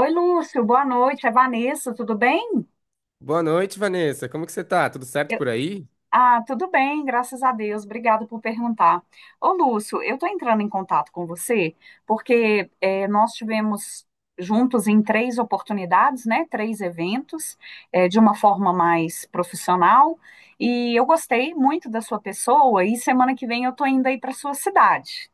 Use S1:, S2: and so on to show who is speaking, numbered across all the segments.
S1: Oi, Lúcio, boa noite. É Vanessa, tudo bem?
S2: Boa noite, Vanessa. Como que você tá? Tudo certo
S1: Eu-
S2: por aí?
S1: Ah, tudo bem, graças a Deus. Obrigada por perguntar. Ô, Lúcio, eu estou entrando em contato com você porque nós tivemos juntos em três oportunidades, né? Três eventos, de uma forma mais profissional. E eu gostei muito da sua pessoa. E semana que vem eu estou indo aí para sua cidade.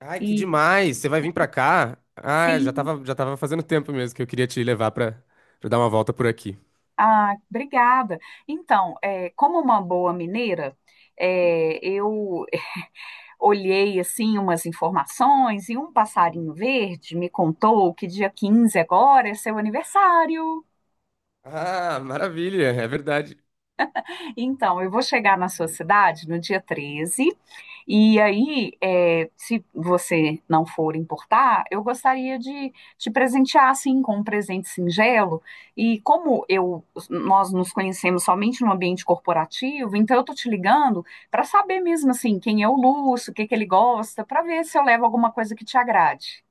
S2: Ai, que
S1: E
S2: demais! Você vai vir pra cá? Ah, já
S1: sim,
S2: tava, já tava fazendo tempo mesmo que eu queria te levar pra dar uma volta por aqui.
S1: ah, obrigada. Então, como uma boa mineira, eu olhei assim umas informações e um passarinho verde me contou que dia 15 agora é seu aniversário.
S2: Ah, maravilha, é verdade.
S1: Então, eu vou chegar na sua cidade no dia 13 e aí, se você não for importar, eu gostaria de te presentear assim com um presente singelo. E como eu nós nos conhecemos somente no ambiente corporativo, então eu tô te ligando para saber mesmo assim quem é o Lúcio, o que que ele gosta, para ver se eu levo alguma coisa que te agrade.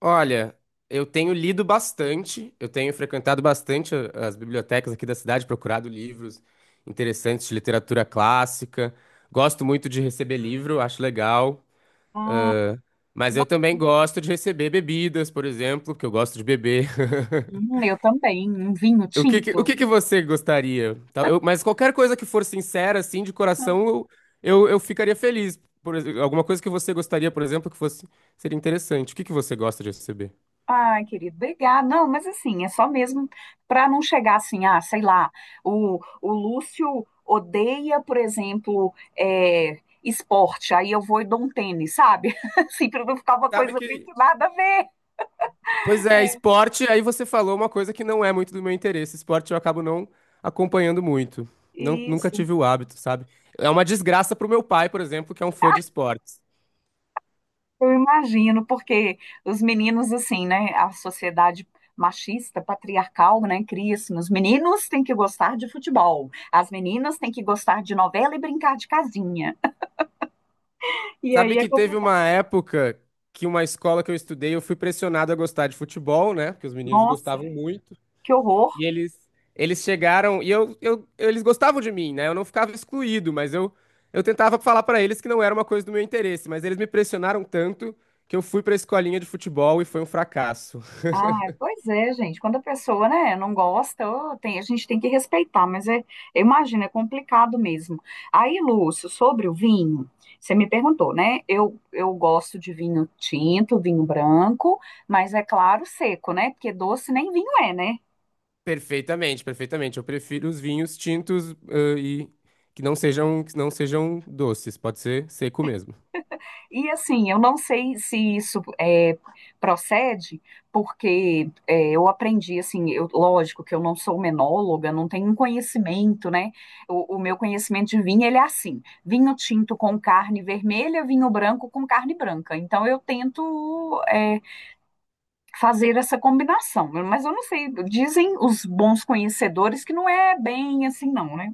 S2: Olha, eu tenho lido bastante, eu tenho frequentado bastante as bibliotecas aqui da cidade, procurado livros interessantes de literatura clássica. Gosto muito de receber livro, acho legal.
S1: Ah, que
S2: Mas
S1: bom.
S2: eu também gosto de receber bebidas, por exemplo, porque eu gosto de beber.
S1: Eu também, um vinho
S2: O que que, o
S1: tinto.
S2: que que você gostaria? Tá, mas qualquer coisa que for sincera, assim, de coração, eu ficaria feliz. Alguma coisa que você gostaria, por exemplo, que fosse seria interessante. O que que você gosta de receber?
S1: Ai, querido, obrigada. Não, mas assim, é só mesmo para não chegar assim, ah, sei lá, o Lúcio odeia, por exemplo, esporte, aí eu vou e dou um tênis, sabe? Assim, para não ficar uma
S2: Sabe
S1: coisa
S2: que
S1: muito nada a ver.
S2: Pois é,
S1: É,
S2: esporte, aí você falou uma coisa que não é muito do meu interesse. Esporte eu acabo não acompanhando muito. Não, nunca
S1: isso.
S2: tive o hábito, sabe? É uma desgraça pro meu pai, por exemplo, que é um fã de esportes.
S1: Eu imagino, porque os meninos, assim, né? A sociedade machista, patriarcal, né? Cria assim, os meninos têm que gostar de futebol, as meninas têm que gostar de novela e brincar de casinha. E aí
S2: Sabe
S1: é
S2: que teve
S1: complicado.
S2: uma época que uma escola que eu estudei, eu fui pressionado a gostar de futebol, né? Porque os meninos
S1: Nossa,
S2: gostavam muito.
S1: que horror!
S2: E eles, eles chegaram e eles gostavam de mim, né? Eu não ficava excluído, eu tentava falar pra eles que não era uma coisa do meu interesse, mas eles me pressionaram tanto que eu fui pra escolinha de futebol e foi um fracasso.
S1: Ah, pois é, gente. Quando a pessoa, né, não gosta, ô, a gente tem que respeitar, mas eu imagino, é complicado mesmo. Aí, Lúcio, sobre o vinho, você me perguntou, né? Eu gosto de vinho tinto, vinho branco, mas é claro, seco, né? Porque doce nem vinho é, né?
S2: Perfeitamente, perfeitamente. Eu prefiro os vinhos tintos, e que não sejam doces, pode ser seco mesmo.
S1: E assim, eu não sei se isso procede, porque eu aprendi, assim, lógico que eu não sou menóloga, não tenho um conhecimento, né? O meu conhecimento de vinho, ele é assim, vinho tinto com carne vermelha, vinho branco com carne branca. Então, eu tento fazer essa combinação, mas eu não sei, dizem os bons conhecedores que não é bem assim, não, né?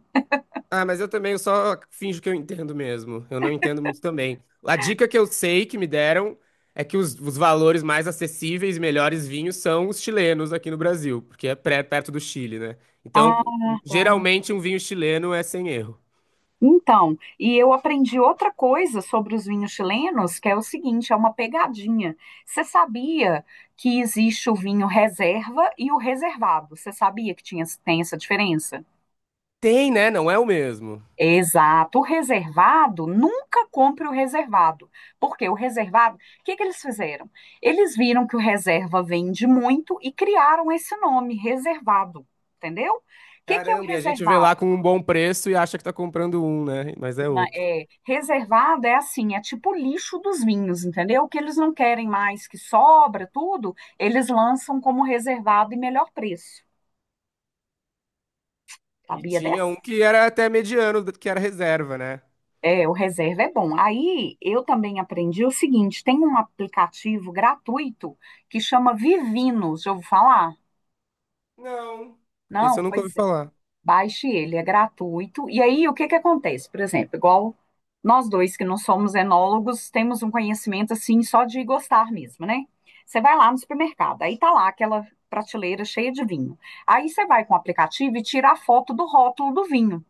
S2: Ah, mas eu também eu só finjo que eu entendo mesmo. Eu não entendo muito também. A dica que eu sei que me deram é que os valores mais acessíveis e melhores vinhos são os chilenos aqui no Brasil, porque é perto do Chile, né?
S1: Ah,
S2: Então,
S1: tá.
S2: geralmente um vinho chileno é sem erro.
S1: Então, e eu aprendi outra coisa sobre os vinhos chilenos, que é o seguinte, é uma pegadinha. Você sabia que existe o vinho reserva e o reservado? Você sabia que tinha, tem essa diferença?
S2: Tem, né? Não é o mesmo.
S1: Exato. O reservado, nunca compre o reservado. Porque o reservado, o que que eles fizeram? Eles viram que o reserva vende muito e criaram esse nome, reservado, entendeu? O que que é o
S2: Caramba, e a gente vê
S1: reservado?
S2: lá com um bom preço e acha que tá comprando um, né? Mas é
S1: na-
S2: outro.
S1: é, reservada é assim, é tipo o lixo dos vinhos, entendeu? O que eles não querem mais, que sobra tudo, eles lançam como reservado e melhor preço.
S2: E
S1: Sabia
S2: tinha
S1: dessa?
S2: um que era até mediano, que era reserva, né?
S1: É, o reserva é bom. Aí eu também aprendi o seguinte: tem um aplicativo gratuito que chama Vivinos, já ouviu falar?
S2: Não, esse eu
S1: Não,
S2: nunca
S1: pois
S2: ouvi falar.
S1: baixe ele, é gratuito. E aí, o que que acontece? Por exemplo, igual nós dois que não somos enólogos, temos um conhecimento assim só de gostar mesmo, né? Você vai lá no supermercado, aí tá lá aquela prateleira cheia de vinho. Aí você vai com o aplicativo e tira a foto do rótulo do vinho.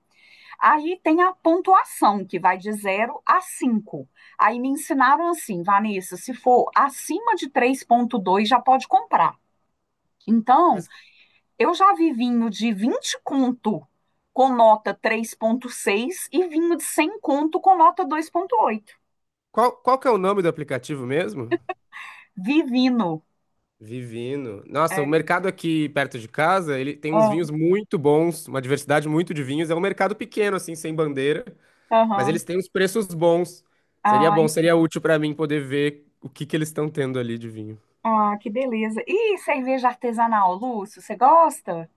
S1: Aí tem a pontuação, que vai de zero a cinco. Aí me ensinaram assim, Vanessa, se for acima de 3,2 já pode comprar. Então, eu já vi vinho de 20 conto com nota 3,6 e vinho de 100 conto com nota 2,8.
S2: Qual, qual que é o nome do aplicativo mesmo?
S1: Vivino.
S2: Vivino. Nossa, o
S1: É,
S2: mercado aqui perto de casa, ele tem uns
S1: ah,
S2: vinhos muito bons, uma diversidade muito de vinhos. É um mercado pequeno, assim, sem bandeira, mas
S1: aham.
S2: eles têm os preços bons. Seria
S1: Ai,
S2: bom, seria útil pra mim poder ver o que que eles estão tendo ali de vinho.
S1: ah, que beleza. E cerveja artesanal, Lúcio, você gosta?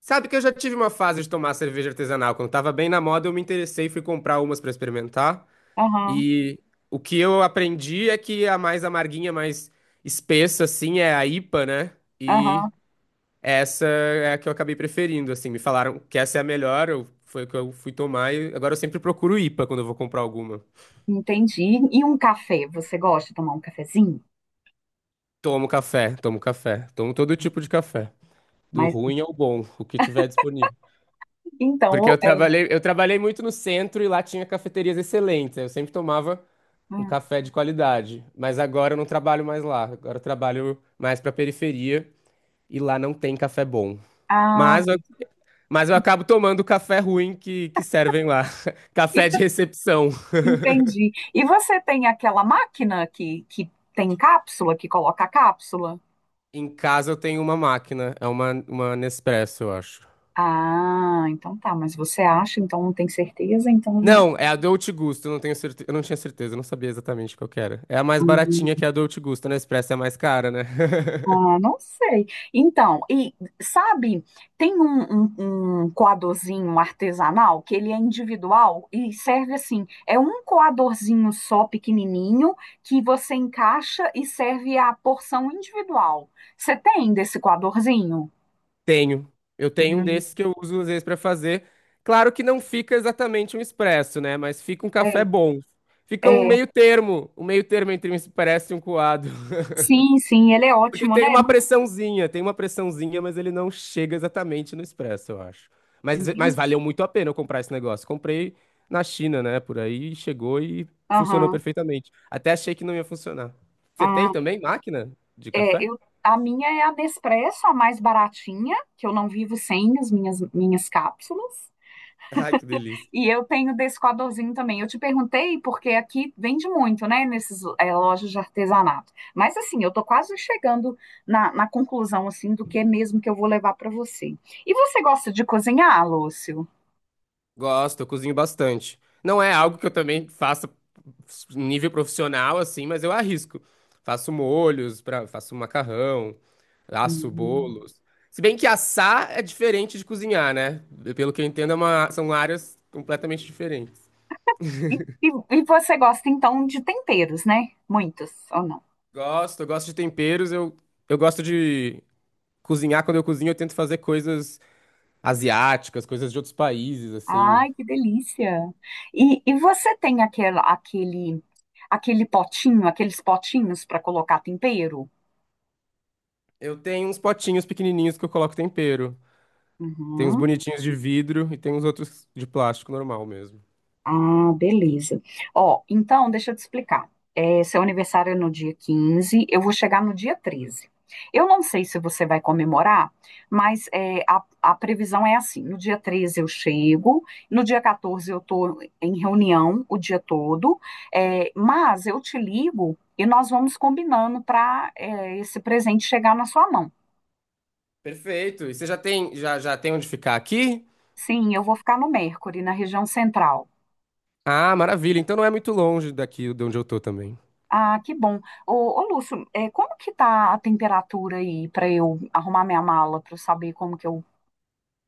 S2: Sabe que eu já tive uma fase de tomar cerveja artesanal. Quando tava bem na moda, eu me interessei e fui comprar umas pra experimentar.
S1: Aham,
S2: E o que eu aprendi é que a mais amarguinha, mais espessa, assim, é a IPA, né?
S1: aham.
S2: Essa é a que eu acabei preferindo, assim. Me falaram que essa é a melhor, foi a que eu fui tomar e agora eu sempre procuro IPA quando eu vou comprar alguma.
S1: Entendi. E um café, você gosta de tomar um cafezinho?
S2: Tomo café, tomo café, tomo todo tipo de café, do
S1: Mas
S2: ruim ao bom, o que tiver disponível.
S1: então,
S2: Porque eu trabalhei muito no centro e lá tinha cafeterias excelentes, eu sempre tomava um
S1: hum,
S2: café de qualidade, mas agora eu não trabalho mais lá, agora eu trabalho mais pra periferia e lá não tem café bom.
S1: ah,
S2: Mas eu, mas eu acabo tomando o café ruim que servem lá, café de recepção.
S1: entendi. E você tem aquela máquina que tem cápsula, que coloca a cápsula?
S2: Em casa eu tenho uma máquina, é uma Nespresso, eu acho.
S1: Ah, então tá, mas você acha, então não tem certeza, então
S2: Não, é a Dolce Gusto, eu não tenho certeza, eu não tinha certeza, eu não sabia exatamente qual que era. É a mais
S1: Hum,
S2: baratinha que é a Dolce Gusto, a Nespresso é a mais cara, né?
S1: ah, não sei. Então, e sabe, tem um coadorzinho artesanal que ele é individual e serve assim, é um coadorzinho só pequenininho que você encaixa e serve a porção individual. Você tem desse coadorzinho?
S2: Tenho. Eu tenho um
S1: Hum,
S2: desses que eu uso às vezes pra fazer. Claro que não fica exatamente um expresso, né? Mas fica um
S1: é,
S2: café bom. Fica
S1: é.
S2: um meio termo entre um expresso e um coado.
S1: Sim, sim, ele é
S2: Porque
S1: ótimo, né? Muito.
S2: tem uma pressãozinha, mas ele não chega exatamente no expresso, eu acho. Mas
S1: Uhum.
S2: valeu muito a pena eu comprar esse negócio. Comprei na China, né? Por aí, chegou e funcionou
S1: Aham.
S2: perfeitamente. Até achei que não ia funcionar. Você tem
S1: Ah.
S2: também máquina de
S1: É,
S2: café?
S1: a minha é a Nespresso, a mais baratinha, que eu não vivo sem as minhas cápsulas.
S2: Ai, que delícia.
S1: E eu tenho desse coadorzinho também. Eu te perguntei porque aqui vende muito, né, nesses lojas de artesanato. Mas assim, eu tô quase chegando na conclusão assim do que é mesmo que eu vou levar para você. E você gosta de cozinhar, Lúcio?
S2: Gosto, eu cozinho bastante. Não é algo que eu também faça em nível profissional, assim, mas eu arrisco. Faço molhos, faço macarrão, asso
S1: Hum.
S2: bolos. Se bem que assar é diferente de cozinhar, né? Pelo que eu entendo, é são áreas completamente diferentes.
S1: E, e, e você gosta então de temperos, né? Muitos ou não?
S2: Gosto, eu gosto de cozinhar. Quando eu cozinho, eu tento fazer coisas asiáticas, coisas de outros países, assim.
S1: Ai, que delícia! E você tem aquela, aquele, aquele potinho, aqueles potinhos para colocar tempero?
S2: Eu tenho uns potinhos pequenininhos que eu coloco tempero. Tem uns
S1: Uhum.
S2: bonitinhos de vidro e tem uns outros de plástico normal mesmo.
S1: Ah, beleza. Ó, então, deixa eu te explicar. Seu aniversário é no dia 15, eu vou chegar no dia 13. Eu não sei se você vai comemorar, mas a previsão é assim: no dia 13 eu chego, no dia 14 eu estou em reunião o dia todo, mas eu te ligo e nós vamos combinando para esse presente chegar na sua mão.
S2: Perfeito. E você já tem, já tem onde ficar aqui?
S1: Sim, eu vou ficar no Mercury, na região central.
S2: Ah, maravilha. Então não é muito longe daqui de onde eu tô também.
S1: Ah, que bom. Ô, ô, Lúcio, como que tá a temperatura aí para eu arrumar minha mala para saber como que eu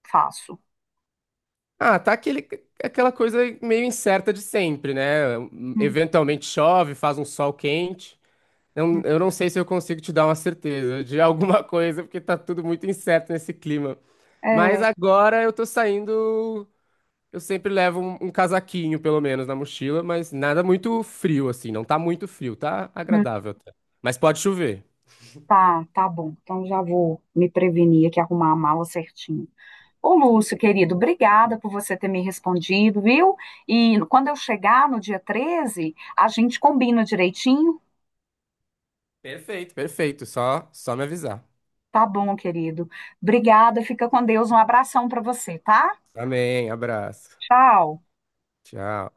S1: faço?
S2: Ah, aquela coisa meio incerta de sempre, né?
S1: Hum,
S2: Eventualmente chove, faz um sol quente.
S1: hum.
S2: Eu não sei se eu consigo te dar uma certeza de alguma coisa, porque tá tudo muito incerto nesse clima. Mas
S1: É,
S2: agora eu tô saindo. Eu sempre levo um casaquinho, pelo menos, na mochila, mas nada muito frio, assim. Não tá muito frio, tá
S1: hum,
S2: agradável até. Mas pode chover.
S1: tá, tá bom. Então já vou me prevenir aqui, arrumar a mala certinho. Ô, Lúcio, querido, obrigada por você ter me respondido, viu? E quando eu chegar no dia 13 a gente combina direitinho?
S2: Perfeito, perfeito. Só me avisar.
S1: Tá bom, querido. Obrigada, fica com Deus. Um abração para você, tá?
S2: Amém, abraço.
S1: Tchau.
S2: Tchau.